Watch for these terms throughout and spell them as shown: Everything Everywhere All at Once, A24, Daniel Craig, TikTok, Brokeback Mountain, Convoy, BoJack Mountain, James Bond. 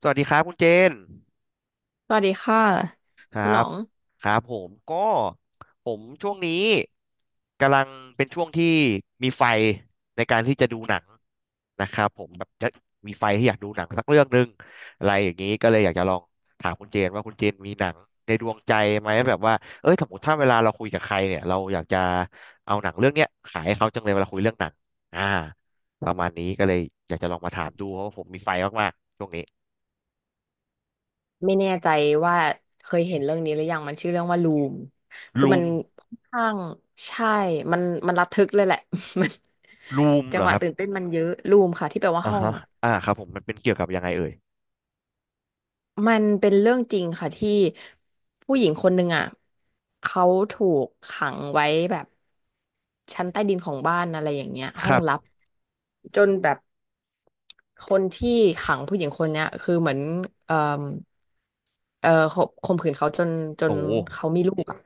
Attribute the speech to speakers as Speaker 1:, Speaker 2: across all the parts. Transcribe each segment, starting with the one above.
Speaker 1: สวัสดีครับคุณเจน
Speaker 2: สวัสดีค่ะ
Speaker 1: ครั
Speaker 2: คุณหนอ
Speaker 1: บ
Speaker 2: ง
Speaker 1: ครับผมก็ผมช่วงนี้กำลังเป็นช่วงที่มีไฟในการที่จะดูหนังนะครับผมแบบจะมีไฟที่อยากดูหนังสักเรื่องหนึ่งอะไรอย่างนี้ก็เลยอยากจะลองถามคุณเจนว่าคุณเจนมีหนังในดวงใจไหมแบบว่าเอ้ยสมมติถ้าเวลาเราคุยกับใครเนี่ยเราอยากจะเอาหนังเรื่องเนี้ยขายให้เขาจังเลยเวลาคุยเรื่องหนังอ่าประมาณนี้ก็เลยอยากจะลองมาถามดูเพราะว่าผมมีไฟมากๆช่วงนี้
Speaker 2: ไม่แน่ใจว่าเคยเห็นเรื่องนี้หรือยังมันชื่อเรื่องว่าลูมคือ
Speaker 1: ลู
Speaker 2: มัน
Speaker 1: ม
Speaker 2: ค่อนข้างใช่มันมันระทึกเลยแหละ มัน
Speaker 1: ลูม
Speaker 2: จั
Speaker 1: เหร
Speaker 2: งห
Speaker 1: อ
Speaker 2: วะ
Speaker 1: ครับ
Speaker 2: ตื่นเต้นมันเยอะลูมค่ะที่แปลว่า
Speaker 1: อ่า
Speaker 2: ห้อง
Speaker 1: ฮะ
Speaker 2: อ่ะ
Speaker 1: อ่าครับผมมันเป็นเกี่ยวกับยังไงเอ่ย
Speaker 2: มันเป็นเรื่องจริงค่ะที่ผู้หญิงคนหนึ่งอ่ะเขาถูกขังไว้แบบชั้นใต้ดินของบ้านอะไรอย่างเงี้ย
Speaker 1: ค
Speaker 2: ห้อง
Speaker 1: รับ
Speaker 2: ลับจนแบบ คนที่ขังผู้หญิงคนเนี้ยคือเหมือนเอ่อขบข่มขืนเขาจนจ
Speaker 1: โอ้
Speaker 2: น
Speaker 1: โห
Speaker 2: เขามีลูกอ่ะ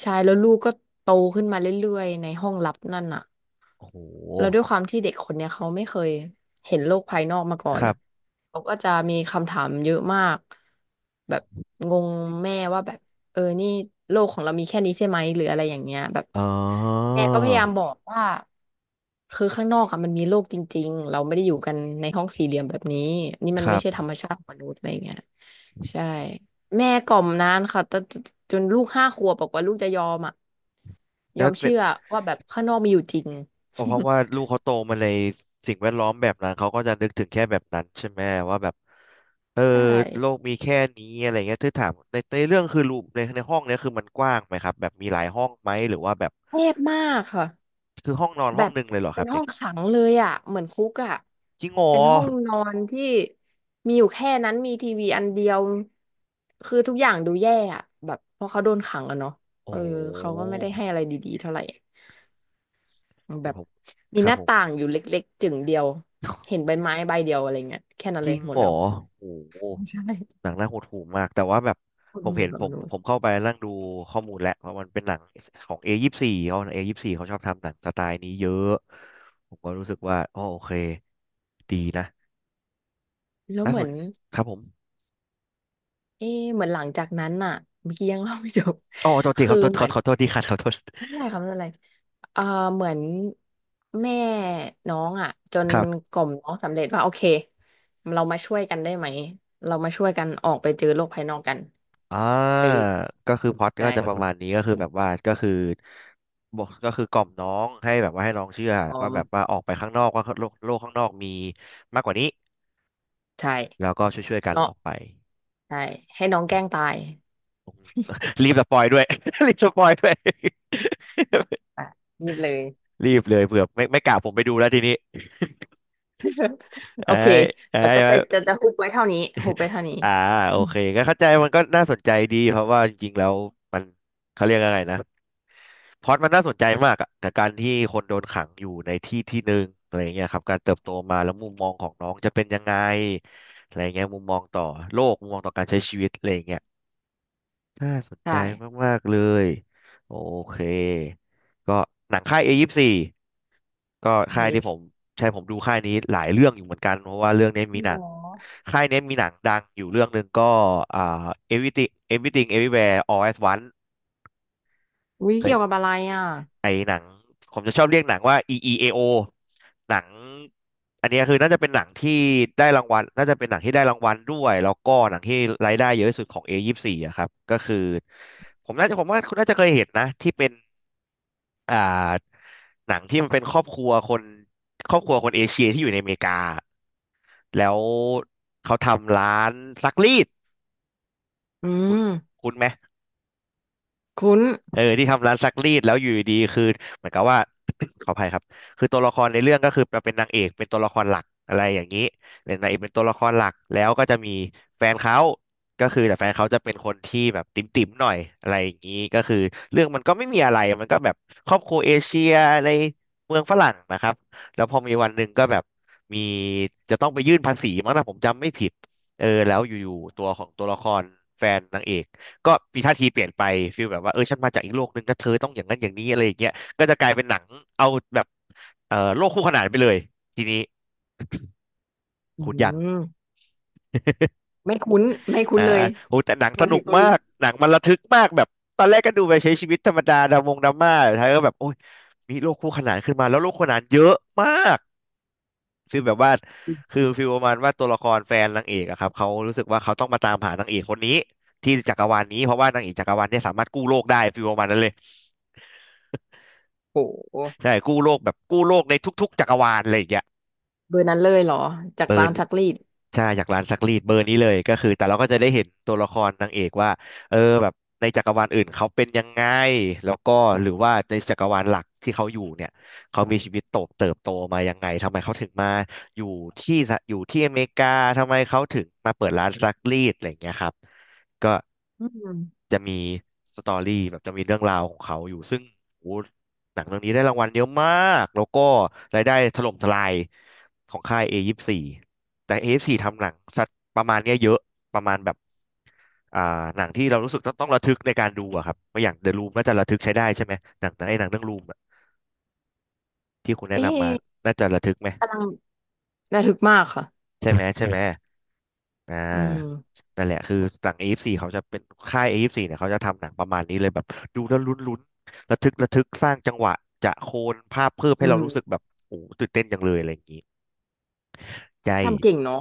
Speaker 2: ใช่แล้วลูกก็โตขึ้นมาเรื่อยๆในห้องลับนั่นอ่ะ
Speaker 1: โอ้โ
Speaker 2: แล้วด้
Speaker 1: ห
Speaker 2: วยความที่เด็กคนเนี้ยเขาไม่เคยเห็นโลกภายนอกมาก่อ
Speaker 1: ค
Speaker 2: น
Speaker 1: รั
Speaker 2: อ่ะ
Speaker 1: บ
Speaker 2: เขาก็จะมีคำถามเยอะมากแบบงงแม่ว่าแบบเออนี่โลกของเรามีแค่นี้ใช่ไหมหรืออะไรอย่างเงี้ยแบบ
Speaker 1: อ๋อ
Speaker 2: แม่ก็พยายามบอกว่า คือข้างนอกอะมันมีโลกจริงๆ เราไม่ได้อยู่กันในห้องสี่เหลี่ยมแบบนี้นี่มั
Speaker 1: ค
Speaker 2: น
Speaker 1: รั
Speaker 2: ไม่ใช่ธร
Speaker 1: บ
Speaker 2: รมชาติของมนุษย์อะไรเงี้ยใช่ แม่กล่อมนานค่ะแต่จนลูกห้าขวบบอกว่าลูกจะยอมอ่ะย
Speaker 1: แล้
Speaker 2: อ
Speaker 1: ว
Speaker 2: ม
Speaker 1: เป็
Speaker 2: เชื่
Speaker 1: น
Speaker 2: อว่าแบบข้างนอกมีอยู่จริง
Speaker 1: อ๋อเพราะว่าลูกเขาโตมาในสิ่งแวดล้อมแบบนั้นเขาก็จะนึกถึงแค่แบบนั้นใช่ไหมว่าแบบ เออ
Speaker 2: ใช่
Speaker 1: โลกมีแค่นี้อะไรเงี้ยถ้าถามในเรื่องคือรูในห้องเนี้ยคือมันกว้างไหมครับแบบมีหลายห้องไหมหรือว่าแบบ
Speaker 2: แคบมากค่ะ
Speaker 1: คือห้องนอน
Speaker 2: แบ
Speaker 1: ห้อง
Speaker 2: บ
Speaker 1: หนึ่งเลยเหรอค
Speaker 2: เป็
Speaker 1: รั
Speaker 2: น
Speaker 1: บอ
Speaker 2: ห้อ
Speaker 1: ย่าง
Speaker 2: งขังเลยอ่ะเหมือนคุกอ่ะ
Speaker 1: จริงเหรอ
Speaker 2: เป็นห้องนอนที่มีอยู่แค่นั้นมีทีวีอันเดียวคือทุกอย่างดูแย่อ่ะแบบเพราะเขาโดนขังอะเนาะเอ
Speaker 1: โอ้
Speaker 2: อเขา
Speaker 1: โห
Speaker 2: ก็ไม่ได้ให้อะไรดีๆเท่าไหร่ แบ
Speaker 1: เดี๋ยว
Speaker 2: บ
Speaker 1: ผม
Speaker 2: มี
Speaker 1: ค
Speaker 2: ห
Speaker 1: รับ
Speaker 2: น้า
Speaker 1: ผม
Speaker 2: ต่างอยู่เล็กๆจึ่งเดียวเห็นใบไม้ใบเดียวอะไรเงี้ยแค่นั้น
Speaker 1: จ
Speaker 2: เล
Speaker 1: ริ
Speaker 2: ย
Speaker 1: ง
Speaker 2: หม
Speaker 1: เห
Speaker 2: ด
Speaker 1: รอ
Speaker 2: แล้ว
Speaker 1: โอ้โห
Speaker 2: ใช่
Speaker 1: หนังน่าหดหู่มากแต่ว่าแบบ
Speaker 2: ค
Speaker 1: ผ
Speaker 2: นห
Speaker 1: ม
Speaker 2: มู่
Speaker 1: เห็น
Speaker 2: กับ
Speaker 1: ผ
Speaker 2: บ
Speaker 1: ม
Speaker 2: นู้น
Speaker 1: ผมเข้าไปนั่งดูข้อมูลแหละเพราะมันเป็นหนังของ A24 เขาเอยี่สบสี่เขาชอบทำหนังสไตล์นี้เยอะผมก็รู้สึกว่าอ๋อโอเคดีนะ
Speaker 2: แล้ว
Speaker 1: น่า
Speaker 2: เห
Speaker 1: ส
Speaker 2: มือ
Speaker 1: น
Speaker 2: น
Speaker 1: ครับผม
Speaker 2: เอ๊ะเหมือนหลังจากนั้นน่ะเมื่อกี้ยังเล่าไม่จบ
Speaker 1: อ๋อโทษ ทีค
Speaker 2: คือ
Speaker 1: รับโทษ
Speaker 2: เห
Speaker 1: ข
Speaker 2: มื
Speaker 1: อ
Speaker 2: อน
Speaker 1: ขอโทษทีครับขอโทษ
Speaker 2: ไม่เป็นไรครับไม่เป็นไรเอ่อเหมือนแม่น้องอ่ะจน
Speaker 1: ครับ
Speaker 2: กล่อมน้องสำเร็จว่าโอเคเรามาช่วยกันได้ไหมเรามาช่วยกันออกไปเจอโลกภายนอกกัน
Speaker 1: อ่
Speaker 2: เออ
Speaker 1: าก็คือพล็อตก็จะประ
Speaker 2: ใช่
Speaker 1: มาณนี้ก็คือแบบว่าก็คือบอกก็คือกล่อมน้องให้แบบว่าให้น้องเชื่อ
Speaker 2: ออ
Speaker 1: ว่าแบบว่า
Speaker 2: ม
Speaker 1: ออกไปข้างนอกว่าโลกโลกข้างนอกมีมากกว่านี้
Speaker 2: ใช่
Speaker 1: แล้วก็ช่วยๆกัน
Speaker 2: เนาะ
Speaker 1: ออกไป
Speaker 2: ใช่ให้น้องแกล้งตาย
Speaker 1: รีบสปอยด้วย รีบสปอยด้วย
Speaker 2: อ่ะนี่เลย
Speaker 1: รีบเลยเผื่อไม่กล่าวผมไปดูแล้วทีนี้
Speaker 2: โอ
Speaker 1: ไอ้
Speaker 2: เค
Speaker 1: ไอ้
Speaker 2: แล้วก็
Speaker 1: ไอ้
Speaker 2: จะฮุบไว้เท่านี้ฮุบไปเท่านี้
Speaker 1: อ่าโอเคก็เข้าใจมันก็น่าสนใจดีเพราะว่าจริงๆแล้วมันเขาเรียกอะไรนะพล็อตมันน่าสนใจมากอะกับการที่คนโดนขังอยู่ในที่ที่หนึ่งอะไรเงี้ยครับการเติบโตมาแล้วมุมมองของน้องจะเป็นยังไงอะไรเงี้ยมุมมองต่อโลกมุมมองต่อการใช้ชีวิตอะไรเงี้ยน่าสนใจ
Speaker 2: ใช่
Speaker 1: มากๆเลยโอเคก็หนังค่ายเอยี่สบสี่ ก็ค่า
Speaker 2: เฮ้
Speaker 1: ย
Speaker 2: ย
Speaker 1: ที่ผมใช่ผมดูค่ายนี้หลายเรื่องอยู่เหมือนกันเพราะว่าเรื่องนี้มีห
Speaker 2: หร
Speaker 1: นัง
Speaker 2: อ
Speaker 1: ค่ายนี้มีหนังดังอยู่เรื่องหนึ่งก็อ่า Everything Everything Everywhere All at Once
Speaker 2: อุ๊ย
Speaker 1: เค
Speaker 2: เกี่ยวกับ
Speaker 1: ย
Speaker 2: อะไรอ่ะ
Speaker 1: ไอหนังผมจะชอบเรียกหนังว่า EEAO หนังอันนี้คือน่าจะเป็นหนังที่ได้รางวัลน่าจะเป็นหนังที่ได้รางวัลด้วยแล้วก็หนังที่รายได้เยอะที่สุดของ A24 อยี่สิบสี่อะครับก็คือผมน่าจะผมว่าคุณน่าจะเคยเห็นนะที่เป็น อ่าหนังที่มันเป็นครอบครัวคนครอบครัวคนเอเชียที่อยู่ในอเมริกา แล้วเขาทำร้านซักรีด
Speaker 2: อื
Speaker 1: คุณ
Speaker 2: ม
Speaker 1: คุณไหม
Speaker 2: คุ้น
Speaker 1: เออที่ทำร้านซักรีดแล้วอยู่ดีๆคือเหมือนกับว่า ขออภัยครับคือตัวละครในเรื่องก็คือมาเป็นนางเอกเป็นตัวละครหลักอะไรอย่างนี้เป็นนางเอกเป็นตัวละครหลักแล้วก็จะมีแฟนเขาก็คือแต่แฟนเขาจะเป็นคนที่แบบติ่มๆหน่อยอะไรอย่างนี้ก็คือเรื่องมันก็ไม่มีอะไรมันก็แบบครอบครัวเอเชียในเมืองฝรั่งนะครับแล้วพอมีวันหนึ่งก็แบบมีจะต้องไปยื่นภาษีมั้งนะผมจำไม่ผิดเออแล้วอยู่ๆตัวของตัวละครแฟนนางเอก ก็มีท่าทีเปลี่ยนไปฟีลแบบว่าเออฉันมาจากอีกโลกหนึ่งนะเธอต้องอย่างนั้นอย่างนี้อะไรอย่างเงี้ยก็จะกลายเป็นหนังเอาแบบโลกคู่ขนานไปเลยทีนี้
Speaker 2: อื
Speaker 1: คุณยัง
Speaker 2: มไม่คุ้นไม่คุ้
Speaker 1: อ่า
Speaker 2: นเลย
Speaker 1: โอ้แต่หนังส
Speaker 2: มา
Speaker 1: นุ
Speaker 2: ถึ
Speaker 1: ก
Speaker 2: งตรง
Speaker 1: มา
Speaker 2: นี้
Speaker 1: กหนังมันระทึกมากแบบตอนแรกก็ดูไปใช้ชีวิตธรรมดาดามงดราม่าแต่ท้ายก็แบบโอ้ยมีโลกคู่ขนานขึ้นมาแล้วโลกคู่ขนานเยอะมากฟีลแบบว่าคือฟีลประมาณว่าตัวละครแฟนนางเอกอะครับเขารู้สึกว่าเขาต้องมาตามหานางเอกคนนี้ที่จักรวาลนี้เพราะว่านางเอกจักรวาลเนี่ยสามารถกู้โลกได้ฟีลประมาณนั้นเลย
Speaker 2: โอ้โห
Speaker 1: ใช่กู้โลกแบบกู้โลกในทุกๆจักรวาลอะไรอย่างเงี้ย
Speaker 2: เบอร์นั้นเลยเหรอจาก
Speaker 1: เบอร์
Speaker 2: ร้า
Speaker 1: น
Speaker 2: นซักรีด
Speaker 1: ใช่อยากร้านซักรีดเบอร์นี้เลยก็คือแต่เราก็จะได้เห็นตัวละครนางเอกว่าเออแบบในจักรวาลอื่นเขาเป็นยังไงแล้วก็หรือว่าในจักรวาลหลักที่เขาอยู่เนี่ยเขามีชีวิตโตเติบโตมายังไงทำไมเขาถึงมาอยู่ที่สหอยู่ที่อเมริกาทำไมเขาถึงมาเปิดร้านซักรีดอะไรอย่างเงี้ยครับก็
Speaker 2: อืม
Speaker 1: จะมีสตอรี่แบบจะมีเรื่องราวของเขาอยู่ซึ่งโอ้ หนังเรื่องนี้ได้รางวัลเยอะมาก แล้วก็รายได้ถล่มทลายของค่าย A24 แต่ A24 ทำหนังสัตว์ประมาณเนี้ยเยอะประมาณแบบอ่าหนังที่เรารู้สึกต้องระทึกในการดูอะครับไม่อย่าง The Room น่าจะระทึกใช้ได้ใช่ไหมหนังไอ้หนังเรื่อง Room อะที่คุณแนะ
Speaker 2: เอ๊
Speaker 1: นำมา
Speaker 2: ะ
Speaker 1: น่าจะระทึกไหม
Speaker 2: กำลังระทึกมากค่ะ
Speaker 1: ใช่ไหมใช่ไหมอ่
Speaker 2: อืม
Speaker 1: านั่นแหละคือหนัง A24 เขาจะเป็นค่าย A24 เนี่ยเขาจะทำหนังประมาณนี้เลยแบบดูแล้วลุ้นลุ้นระทึกระทึกสร้างจังหวะจะโคนภาพเพิ่ม
Speaker 2: อื
Speaker 1: ให้เรารู้สึก
Speaker 2: ม
Speaker 1: แบบโอ้โหตื่นเต้นจังเลยอะไรอย่างนี้ ใจ
Speaker 2: ทำเก่งเนาะ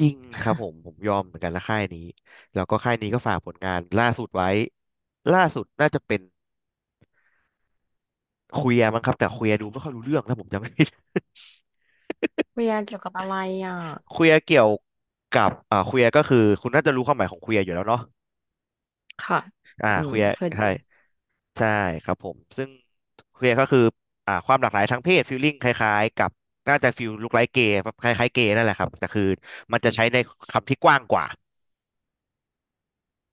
Speaker 1: จริงครับผม ผมยอมเหมือนกันละค่ายนี้ แล้วก็ค่ายนี้ก็ฝากผลงานล่าสุดไว้ ล่าสุดน่าจะเป็นเคลียร์มั้งครับแต่เคลียร์ดูไม่ค่อยรู้เรื่องนะผมจำไม่ ผิด
Speaker 2: เบียร์เกี่ยวกับอะไรอ่ะ
Speaker 1: เคลียร์เกี่ยวกับเคลียร์ก็คือคุณน่าจะรู้ความหมายของเคลียร์อยู่แล้วเนาะ
Speaker 2: ค่ะอื
Speaker 1: เค
Speaker 2: ม
Speaker 1: ลียร์
Speaker 2: เคยได้
Speaker 1: ใช่
Speaker 2: ยิน
Speaker 1: ใช่ครับผมซึ่งเคลียร์ก็คือความหลากหลายทางเพศฟีลลิ่งคล้ายๆกับน่าจะฟีลลุคไลค์เกย์คล้ายๆเกย์นั่นแหละครับแต่คือมันจะใช้ในคำที่กว้างกว่า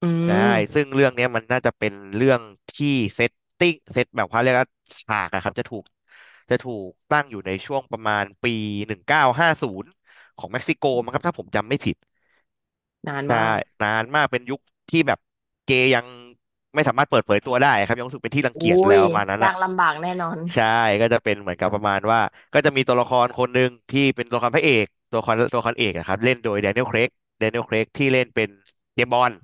Speaker 2: อื
Speaker 1: ใช่
Speaker 2: ม
Speaker 1: ซึ่งเรื่องเนี้ยมันน่าจะเป็นเรื่องที่เซตเซตแบบเขาเรียกว่าฉากอะครับจะถูกตั้งอยู่ในช่วงประมาณปี1950ของเม็กซิโกมั้งครับถ้าผมจำไม่ผิด
Speaker 2: นาน
Speaker 1: ใช่
Speaker 2: มาก
Speaker 1: นานมากเป็นยุคที่แบบเกย์ยังไม่สามารถเปิดเผยตัวได้ครับยังรู้สึกเป็นที่รัง
Speaker 2: อุ้
Speaker 1: เกียจแล้
Speaker 2: ย
Speaker 1: วประมาณนั้น
Speaker 2: ยา
Speaker 1: อะ
Speaker 2: กลำบากแน่นอน
Speaker 1: ใช่ก็จะเป็นเหมือนกับประมาณว่าก็จะมีตัวละครคนหนึ่งที่เป็นตัวละครพระเอกตัวละครเอกนะครับเล่นโดยแดเนียล c ครกแดเนียล c ครกที่เล่นเป็นเจมส์บอนด์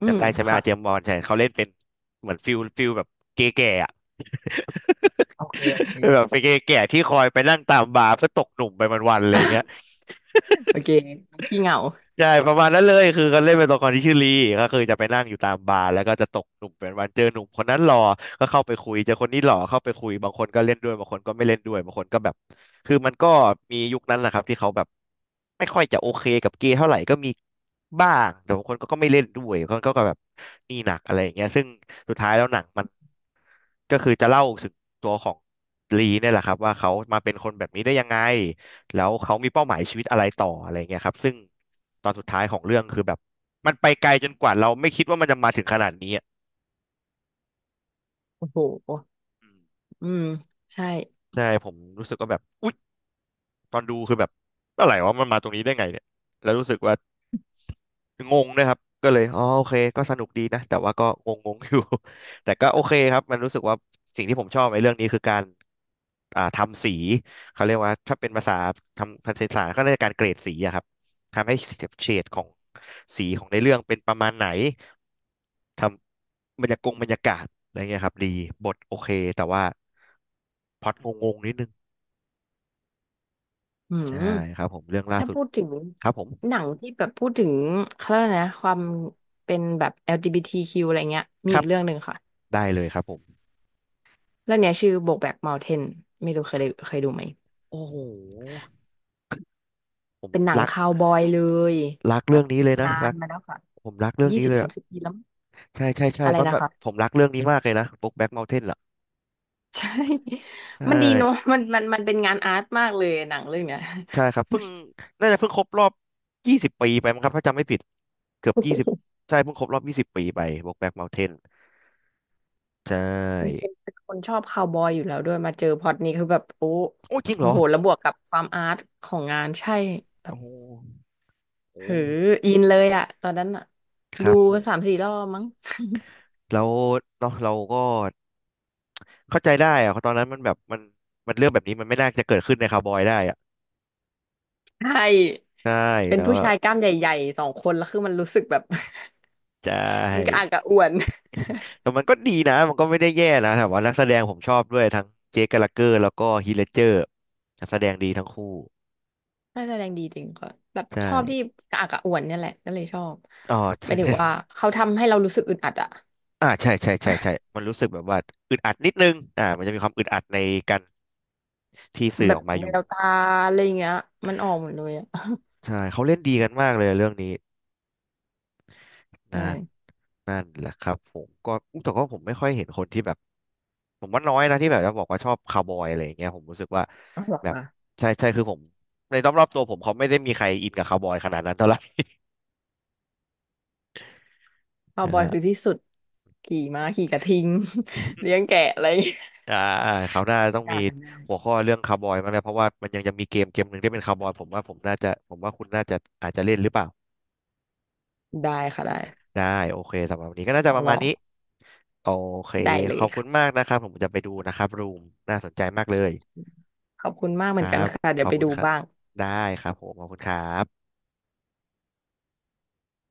Speaker 2: อื
Speaker 1: จำ
Speaker 2: ม
Speaker 1: ได้ใช่ไหม
Speaker 2: ค่ะ
Speaker 1: อาเจมส์บอนด์ใช่เขาเล่นเป็นเหมือนฟิลแบบเก๋ๆอ่ะ
Speaker 2: โอเค โอเค
Speaker 1: แบบเป็นเก๋ๆที่คอยไปนั่งตามบาร์เพื่อตกหนุ่มไปวันๆอะไรอย่างเงี้ย
Speaker 2: โอเคน้องขี้เหงา
Speaker 1: ใช่ประมาณนั้นเลยคือเขาเล่นเป็นตัวละครที่ชื่อลีก็คือจะไปนั่งอยู่ตามบาร์แล้วก็จะตกหนุ่มเป็นวันเจอหนุ่มคนนั้นหล่อก็เข้าไปคุยเจอคนนี้หล่อเข้าไปคุยบางคนก็เล่นด้วยบางคนก็ไม่เล่นด้วยบางคนก็แบบคือมันก็มียุคนั้นแหละครับที่เขาแบบไม่ค่อยจะโอเคกับเกย์เท่าไหร่ก็มีบ้างแต่บางคนก็ไม่เล่นด้วยบางคนก็แบบนี่หนักอะไรอย่างเงี้ยซึ่งสุดท้ายแล้วหนังมัน ก็คือจะเล่าถึงตัวของลีเนี่ยแหละครับว่าเขามาเป็นคนแบบนี้ได้ยังไงแล้วเขามีเป้าหมายชีวิตอะไรต่ออะไรเงี้ยครับซึ่งตอนสุดท้ายของเรื่องคือแบบมันไปไกลจนกว่าเราไม่คิดว่ามันจะมาถึงขนาดนี้อะ
Speaker 2: โอ้โห
Speaker 1: อืม
Speaker 2: อืมใช่
Speaker 1: ใช่ผมรู้สึกว่าแบบอุ๊ยตอนดูคือแบบอะไรวะมันมาตรงนี้ได้ไงเนี่ยแล้วรู้สึกว่า งงนะครับ ก็เลยอ๋อโอเคก็สนุกดีนะแต่ว่าก็งงงอยู่ แต่ก็โอเคครับมันรู้สึกว่าสิ่งที่ผมชอบในเรื่องนี้คือการทำสีเขาเรียกว่าถ้าเป็นภาษาทำภาษาศาสตร์ก็เรียกการเกรดสีอะครับทำให้เฉดของสีของในเรื่องเป็นประมาณไหนทำบรรยากงบรรยากาศอะไรเงี้ยครับดีบทโอเคแต่ว่าพล็อตงงๆนิดนึง
Speaker 2: อื
Speaker 1: ใช่
Speaker 2: ม
Speaker 1: ครับผมเรื่องล่า
Speaker 2: ถ้า
Speaker 1: สุด
Speaker 2: พูดถึง
Speaker 1: ครับผ
Speaker 2: ห
Speaker 1: ม
Speaker 2: นังที่แบบพูดถึงเขาเรียกอะไรนะความเป็นแบบ LGBTQ อลจีบีทีคิวอะไรเงี้ยมี
Speaker 1: ครั
Speaker 2: อี
Speaker 1: บ
Speaker 2: กเรื่องหนึ่งค่ะ
Speaker 1: ได้เลยครับผม
Speaker 2: เรื่องเนี้ยชื่อ BoJack Mountain ไม่รู้เคยดูไหม
Speaker 1: โอ้โหผม
Speaker 2: เป็นหนัง
Speaker 1: รัก
Speaker 2: คาวบอยเลย
Speaker 1: รัก
Speaker 2: แบ
Speaker 1: เรื่อ
Speaker 2: บ
Speaker 1: งนี้เลยนะ
Speaker 2: นา
Speaker 1: รั
Speaker 2: น
Speaker 1: ก
Speaker 2: มาแล้วค่ะ
Speaker 1: ผมรักเรื่อง
Speaker 2: ยี่
Speaker 1: นี้
Speaker 2: สิบ
Speaker 1: เลย
Speaker 2: สา
Speaker 1: อะ
Speaker 2: มสิบปีแล้ว
Speaker 1: ใช่ใช่ใช่
Speaker 2: อะไร
Speaker 1: ปั๊บ
Speaker 2: นะ
Speaker 1: ปั๊บ
Speaker 2: คะ
Speaker 1: ผมรักเรื่องนี้มากเลยนะบุ๊กแบ็กเมาน์เทนเหรอ
Speaker 2: ใช่
Speaker 1: ใช
Speaker 2: มันดีเนอะ
Speaker 1: ่
Speaker 2: มันเป็นงานอาร์ตมากเลยหนังเรื่องเนี้ย
Speaker 1: ใช่ครับเพิ่งน่าจะเพิ่งครบรอบยี่สิบปีไปมั้งครับถ้าจำไม่ผิดเกือบยี่สิบใช่เพิ่งครบรอบยี่สิบปีไปบุ๊กแบ็กเมาน์เทนใช
Speaker 2: มัน
Speaker 1: ่
Speaker 2: เป็นเป็นคนชอบคาวบอยอยู่แล้วด้วยมาเจอพล็อตนี้คือแบบโอ้
Speaker 1: โอ้จริงเหร
Speaker 2: โอ้
Speaker 1: อ
Speaker 2: โหแล้วบวกกับความอาร์ตของงานใช่แบ
Speaker 1: โอ้
Speaker 2: บ
Speaker 1: โหโอ้
Speaker 2: เฮ้ออินเล
Speaker 1: โห
Speaker 2: ยอะตอนนั้นอะ
Speaker 1: ค
Speaker 2: ดู
Speaker 1: รับผ
Speaker 2: สาม
Speaker 1: ม
Speaker 2: สี่รอบมั้ง
Speaker 1: แล้วเนาะเราก็เข้าใจได้อะตอนนั้นมันแบบมันมันเรื่องแบบนี้มันไม่น่าจะเกิดขึ้นในคาวบอยได้อะ
Speaker 2: ใช่
Speaker 1: ใช่
Speaker 2: เป็น
Speaker 1: แล้ว
Speaker 2: ผู้
Speaker 1: อะ
Speaker 2: ชายกล้ามใหญ่ๆสองคนแล้วคือมันรู้สึกแบบ
Speaker 1: ใช่
Speaker 2: มันกระอักกระอ่วน
Speaker 1: แต่มันก็ดีนะ มันก็ไม่ได้แย่นะแต่ว่านักแสดงผมชอบด้วยทั้งเจคแกลลาเกอร์แล้วก็ฮีทเลดเจอร์นักแสดงดีทั้งคู่
Speaker 2: น่าแสดงดีจริงค่ะแบบช
Speaker 1: ใช่
Speaker 2: อบที่กระอักกระอ่วนเนี่ยแหละก็เลยชอบ
Speaker 1: อ๋อ
Speaker 2: หมายถึงว่า เขาทำให้เรารู้สึกอึดอัดอะ
Speaker 1: ใช่ใช่ใช่ใช่มันรู้สึกแบบว่าอึดอัดนิดนึงมันจะมีความอึดอัดในการที่สื่อ
Speaker 2: แบ
Speaker 1: อ
Speaker 2: บ
Speaker 1: อกมาอ
Speaker 2: แว
Speaker 1: ยู่
Speaker 2: วตาอะไรอย่างเงี้ยมันออกหมดเลยอะ
Speaker 1: ใช่เขาเล่นดีกันมากเลยเรื่องนี้
Speaker 2: ใช่
Speaker 1: นั่นนั่นแหละครับผมก็อุ๊ยแต่ก็ผมไม่ค่อยเห็นคนที่แบบผมว่าน้อยนะที่แบบจะบอกว่าชอบคาวบอยอะไรอย่างเงี้ยผมรู้สึกว่า
Speaker 2: ออเหร
Speaker 1: แบบ
Speaker 2: อ
Speaker 1: ใช่ใช่คือผมในรอบๆตัวผมเขาไม่ได้มีใครอินกับคาวบอยขนาดนั้นเท่าไหร่
Speaker 2: คาว
Speaker 1: ใช่
Speaker 2: บอยคือที่สุดขี่ม้าขี่กระทิง เลี้ยงแกะอะไรอย่างเงี้ย
Speaker 1: อ่าคราวหน้า
Speaker 2: บรร
Speaker 1: ต้อ
Speaker 2: ยา
Speaker 1: งมี
Speaker 2: กาศมันได้
Speaker 1: หัวข้อเรื่องคาวบอยมางแล้วเพราะว่ามันยังจะมีเกมหนึ่งที่เป็นคาวบอยผมว่าผมน่าจะผมว่าคุณน่าจะอาจจะเล่นหรือเปล่า
Speaker 2: ได้ค่ะได้
Speaker 1: ได้โอเคสำหรับวันนี้ก็น่า
Speaker 2: ล
Speaker 1: จะ
Speaker 2: อ
Speaker 1: ป
Speaker 2: ง
Speaker 1: ระ
Speaker 2: ล
Speaker 1: มาณ
Speaker 2: อง
Speaker 1: นี้โอเค
Speaker 2: ได้เล
Speaker 1: ขอ
Speaker 2: ย
Speaker 1: บคุณ
Speaker 2: ค่ะ
Speaker 1: มากนะครับผมจะไปดูนะครับรูมน่าสนใจมากเลย
Speaker 2: ขอบคุณมาก
Speaker 1: ค
Speaker 2: เหมือ
Speaker 1: รั
Speaker 2: นกัน
Speaker 1: บ
Speaker 2: ค่ะเดี๋
Speaker 1: ข
Speaker 2: ย
Speaker 1: อ
Speaker 2: ว
Speaker 1: บ
Speaker 2: ไป
Speaker 1: คุ
Speaker 2: ดู
Speaker 1: ณครับ
Speaker 2: บ้าง
Speaker 1: ได้ครับผมขอบคุณครับ